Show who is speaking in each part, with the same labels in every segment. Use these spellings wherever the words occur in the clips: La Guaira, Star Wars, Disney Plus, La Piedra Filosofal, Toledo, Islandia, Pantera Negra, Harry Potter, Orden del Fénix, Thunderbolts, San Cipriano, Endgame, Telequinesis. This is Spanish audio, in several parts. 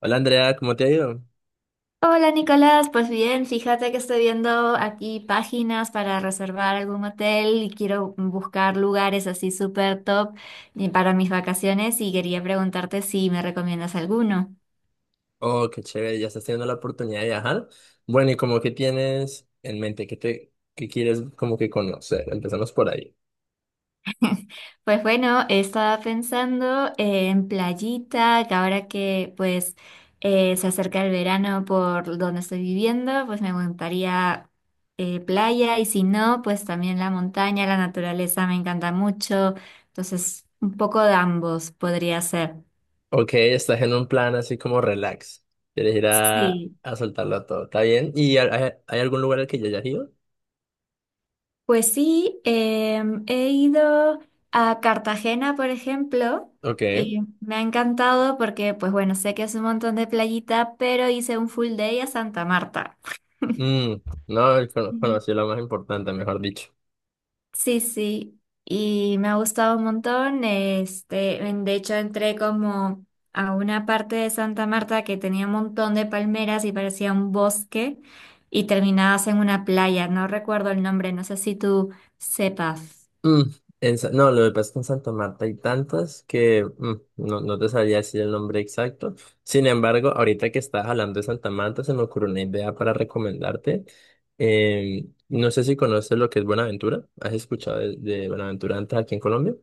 Speaker 1: Hola Andrea, ¿cómo te ha ido?
Speaker 2: Hola Nicolás, pues bien, fíjate que estoy viendo aquí páginas para reservar algún hotel y quiero buscar lugares así súper top y para mis vacaciones y quería preguntarte si me recomiendas alguno.
Speaker 1: Oh, qué chévere, ya estás teniendo la oportunidad de viajar. Bueno, ¿y como que tienes en mente? ¿Qué quieres como que conocer? Empezamos por ahí.
Speaker 2: Pues bueno, estaba pensando en playita, que ahora que pues se acerca el verano por donde estoy viviendo, pues me gustaría playa y si no, pues también la montaña, la naturaleza me encanta mucho, entonces un poco de ambos podría ser.
Speaker 1: Ok, estás en un plan así como relax. Quieres ir a,
Speaker 2: Sí.
Speaker 1: a soltarlo todo, ¿está bien? ¿Y hay algún lugar al que ya hayas ido?
Speaker 2: Pues sí, he ido a Cartagena, por ejemplo,
Speaker 1: Ok.
Speaker 2: y me ha encantado porque, pues bueno, sé que es un montón de playita, pero hice un full day a Santa Marta.
Speaker 1: Mm, no,
Speaker 2: Mm.
Speaker 1: conocí lo más importante, mejor dicho.
Speaker 2: Sí, sí, y me ha gustado un montón. Este, de hecho, entré como a una parte de Santa Marta que tenía un montón de palmeras y parecía un bosque, y terminabas en una playa. No recuerdo el nombre, no sé si tú sepas.
Speaker 1: Mm, no, lo que pasa es que en Santa Marta hay tantas que no, no te sabría decir el nombre exacto. Sin embargo, ahorita que estabas hablando de Santa Marta, se me ocurrió una idea para recomendarte. No sé si conoces lo que es Buenaventura. ¿Has escuchado de Buenaventura antes aquí en Colombia?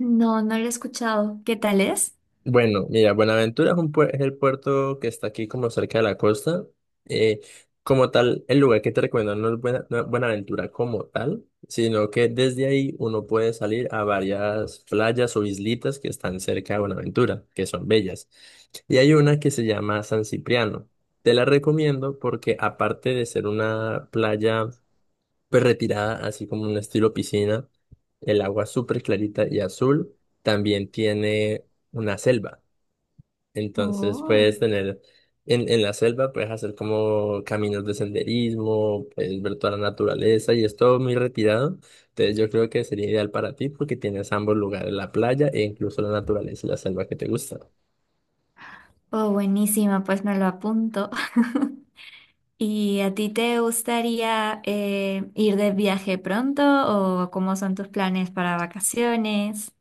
Speaker 2: No, no lo he escuchado. ¿Qué tal es?
Speaker 1: Bueno, mira, Buenaventura es, un puer- es el puerto que está aquí como cerca de la costa. Eh, Como tal, el lugar que te recomiendo no es Buenaventura como tal, sino que desde ahí uno puede salir a varias playas o islitas que están cerca de Buenaventura, que son bellas. Y hay una que se llama San Cipriano. Te la recomiendo porque aparte de ser una playa pues retirada, así como un estilo piscina, el agua es súper clarita y azul, también tiene una selva. Entonces
Speaker 2: Oh.
Speaker 1: puedes tener en la selva, puedes hacer como caminos de senderismo, puedes ver toda la naturaleza y es todo muy retirado. Entonces yo creo que sería ideal para ti porque tienes ambos lugares, la playa e incluso la naturaleza y la selva que te gusta.
Speaker 2: Oh, buenísima, pues me lo apunto. ¿Y a ti te gustaría ir de viaje pronto o cómo son tus planes para vacaciones?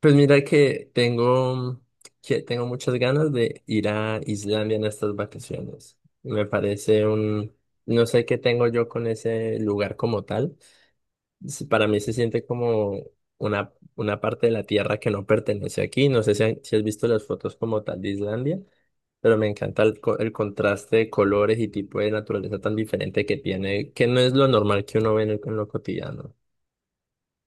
Speaker 1: Pues mira que tengo, que tengo muchas ganas de ir a Islandia en estas vacaciones. No sé qué tengo yo con ese lugar como tal. Para mí se siente como una parte de la tierra que no pertenece aquí. No sé si has visto las fotos como tal de Islandia, pero me encanta el contraste de colores y tipo de naturaleza tan diferente que tiene, que no es lo normal que uno ve en lo cotidiano.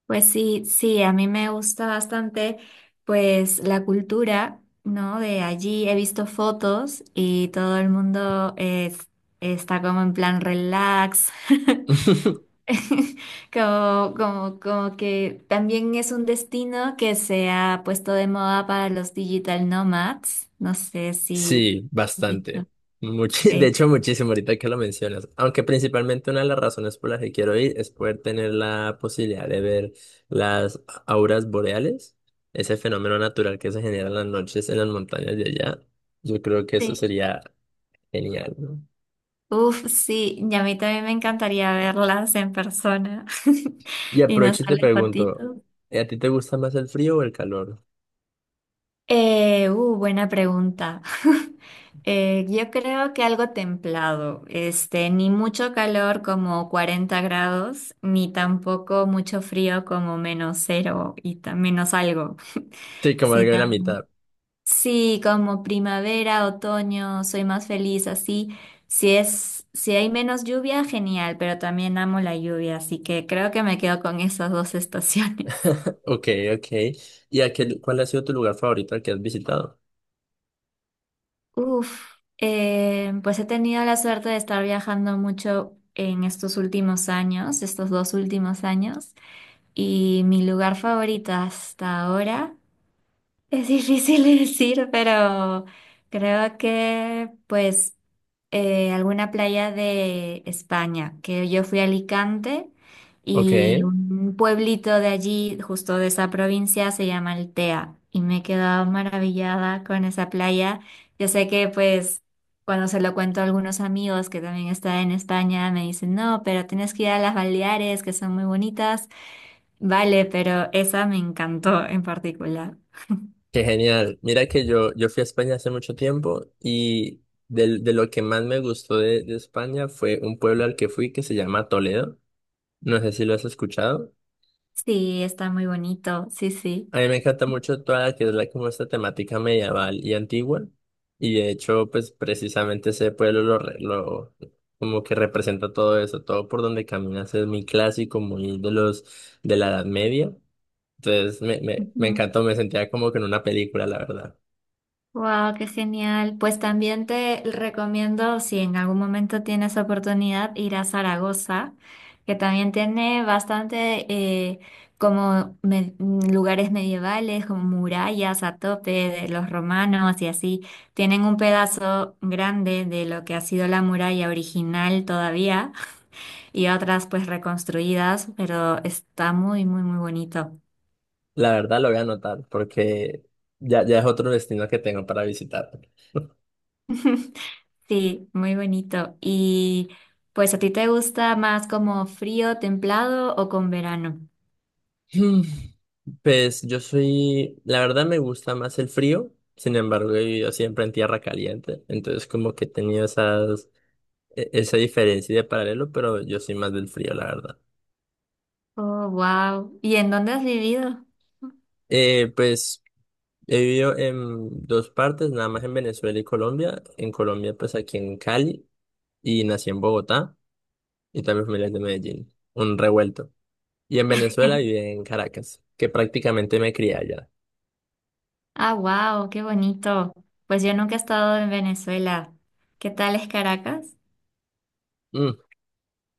Speaker 2: Pues sí, sí, a mí me gusta bastante pues la cultura, ¿no? De allí he visto fotos y todo el mundo es- está como en plan relax. Como que también es un destino que se ha puesto de moda para los digital nomads. No sé si
Speaker 1: Sí,
Speaker 2: has visto.
Speaker 1: bastante. De
Speaker 2: Sí.
Speaker 1: hecho, muchísimo ahorita que lo mencionas. Aunque principalmente una de las razones por las que quiero ir es poder tener la posibilidad de ver las auras boreales, ese fenómeno natural que se genera en las noches en las montañas de allá. Yo creo que eso
Speaker 2: Sí.
Speaker 1: sería genial, ¿no?
Speaker 2: Uf, sí, y a mí también me encantaría verlas en persona
Speaker 1: Y
Speaker 2: y no
Speaker 1: aprovecho y te
Speaker 2: solo en
Speaker 1: pregunto,
Speaker 2: fotitos.
Speaker 1: ¿a ti te gusta más el frío o el calor?
Speaker 2: Buena pregunta. Yo creo que algo templado, ni mucho calor como 40 grados, ni tampoco mucho frío como menos cero y menos algo,
Speaker 1: Sí, como algo
Speaker 2: sino
Speaker 1: de la mitad.
Speaker 2: sí, como primavera, otoño, soy más feliz así. Si es, si hay menos lluvia, genial, pero también amo la lluvia, así que creo que me quedo con esas dos estaciones.
Speaker 1: Ok, ok. ¿Cuál ha sido tu lugar favorito al que has visitado?
Speaker 2: Uf, pues he tenido la suerte de estar viajando mucho en estos últimos años, estos dos últimos años, y mi lugar favorito hasta ahora. Es difícil decir, pero creo que pues alguna playa de España, que yo fui a Alicante
Speaker 1: Ok.
Speaker 2: y un pueblito de allí, justo de esa provincia, se llama Altea y me he quedado maravillada con esa playa. Yo sé que pues cuando se lo cuento a algunos amigos que también están en España, me dicen, no, pero tienes que ir a las Baleares, que son muy bonitas. Vale, pero esa me encantó en particular.
Speaker 1: Qué genial. Mira que yo fui a España hace mucho tiempo y lo que más me gustó de España fue un pueblo al que fui que se llama Toledo. No sé si lo has escuchado.
Speaker 2: Sí, está muy bonito, sí, sí.
Speaker 1: A mí me encanta mucho toda la que es como esta temática medieval y antigua. Y de hecho, pues precisamente ese pueblo lo como que representa todo eso. Todo por donde caminas es muy clásico, muy de los de la Edad Media. Entonces me encantó, me sentía como que en una película, la verdad.
Speaker 2: Wow, qué genial. Pues también te recomiendo, si en algún momento tienes oportunidad, ir a Zaragoza, que también tiene bastante como lugares medievales, como murallas a tope de los romanos y así. Tienen un pedazo grande de lo que ha sido la muralla original todavía y otras pues reconstruidas, pero está muy, muy, muy bonito.
Speaker 1: La verdad lo voy a anotar porque ya es otro destino que tengo para visitar.
Speaker 2: Sí, muy bonito. Y pues, ¿a ti te gusta más como frío, templado o con verano?
Speaker 1: Mm. Pues yo soy, la verdad me gusta más el frío, sin embargo he vivido siempre en tierra caliente, entonces como que he tenido esa diferencia de paralelo, pero yo soy más del frío, la verdad.
Speaker 2: Oh, wow. ¿Y en dónde has vivido?
Speaker 1: Pues he vivido en dos partes, nada más en Venezuela y Colombia. En Colombia pues aquí en Cali y nací en Bogotá y también familia es de Medellín, un revuelto. Y en Venezuela y en Caracas, que prácticamente me crié allá.
Speaker 2: Ah, wow, qué bonito. Pues yo nunca he estado en Venezuela. ¿Qué tal es Caracas?
Speaker 1: Mm.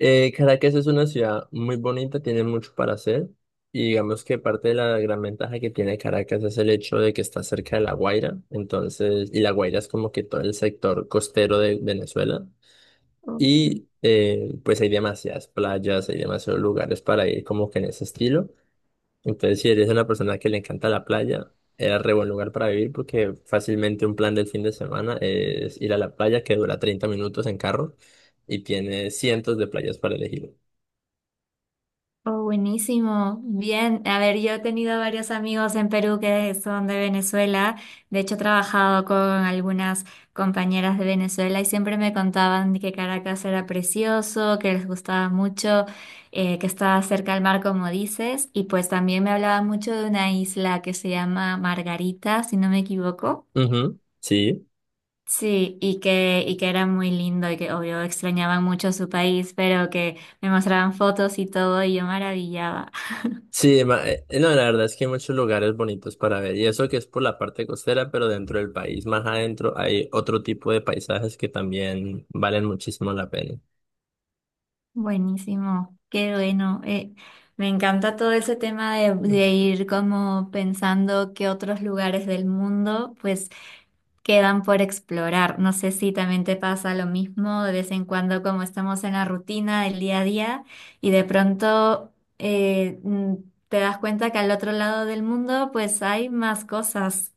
Speaker 1: Caracas es una ciudad muy bonita, tiene mucho para hacer. Y digamos que parte de la gran ventaja que tiene Caracas es el hecho de que está cerca de La Guaira. Entonces, y La Guaira es como que todo el sector costero de Venezuela.
Speaker 2: Oh.
Speaker 1: Y pues hay demasiadas playas, hay demasiados lugares para ir como que en ese estilo. Entonces, si eres una persona que le encanta la playa, es re buen lugar para vivir porque fácilmente un plan del fin de semana es ir a la playa que dura 30 minutos en carro y tiene cientos de playas para elegir.
Speaker 2: Oh, buenísimo. Bien. A ver, yo he tenido varios amigos en Perú que son de Venezuela. De hecho, he trabajado con algunas compañeras de Venezuela y siempre me contaban que Caracas era precioso, que les gustaba mucho, que estaba cerca al mar, como dices. Y pues también me hablaban mucho de una isla que se llama Margarita, si no me equivoco.
Speaker 1: Ujú, sí.
Speaker 2: Sí, y que era muy lindo y que obvio extrañaban mucho su país, pero que me mostraban fotos y todo y yo maravillaba.
Speaker 1: Sí, no, la verdad es que hay muchos lugares bonitos para ver y eso que es por la parte costera, pero dentro del país, más adentro, hay otro tipo de paisajes que también valen muchísimo la pena.
Speaker 2: Buenísimo, qué bueno. Me encanta todo ese tema de ir como pensando qué otros lugares del mundo pues quedan por explorar. No sé si también te pasa lo mismo de vez en cuando como estamos en la rutina del día a día y de pronto eh, mm, te das cuenta que al otro lado del mundo pues hay más cosas.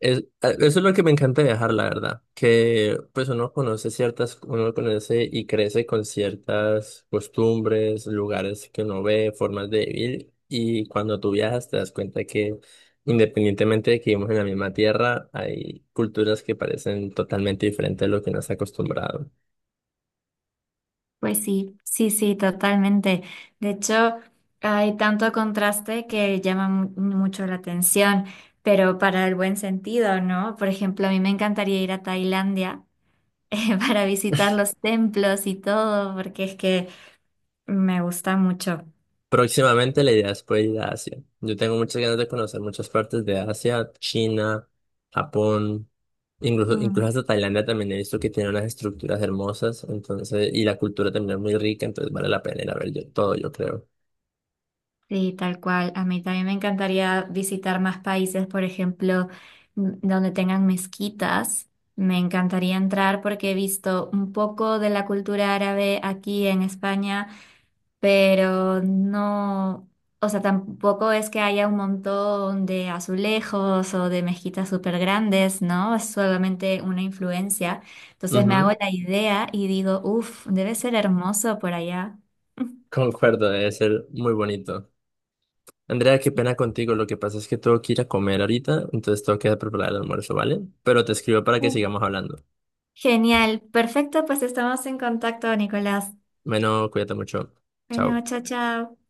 Speaker 1: Eso es lo que me encanta de viajar, la verdad, que pues uno conoce y crece con ciertas costumbres, lugares que uno ve, formas de vivir, y cuando tú viajas te das cuenta que independientemente de que vivimos en la misma tierra, hay culturas que parecen totalmente diferentes a lo que uno está acostumbrado.
Speaker 2: Pues sí, sí, sí, totalmente. De hecho, hay tanto contraste que llama mucho la atención, pero para el buen sentido, ¿no? Por ejemplo, a mí me encantaría ir a Tailandia para visitar los templos y todo, porque es que me gusta mucho.
Speaker 1: Próximamente la idea es poder ir a Asia. Yo tengo muchas ganas de conocer muchas partes de Asia, China, Japón, incluso, incluso
Speaker 2: Mm.
Speaker 1: hasta Tailandia también he visto que tiene unas estructuras hermosas, entonces, y la cultura también es muy rica, entonces vale la pena ir a ver todo, yo creo.
Speaker 2: Sí, tal cual. A mí también me encantaría visitar más países, por ejemplo, donde tengan mezquitas. Me encantaría entrar porque he visto un poco de la cultura árabe aquí en España, pero no, o sea, tampoco es que haya un montón de azulejos o de mezquitas súper grandes, ¿no? Es solamente una influencia. Entonces me hago
Speaker 1: Ujú,
Speaker 2: la idea y digo, uff, debe ser hermoso por allá.
Speaker 1: concuerdo, debe ser muy bonito. Andrea, qué pena contigo, lo que pasa es que tengo que ir a comer ahorita, entonces tengo que preparar el almuerzo, ¿vale? Pero te escribo para que sigamos hablando.
Speaker 2: Genial, perfecto, pues estamos en contacto, Nicolás.
Speaker 1: Bueno, cuídate mucho.
Speaker 2: Bueno,
Speaker 1: Chao.
Speaker 2: chao, chao.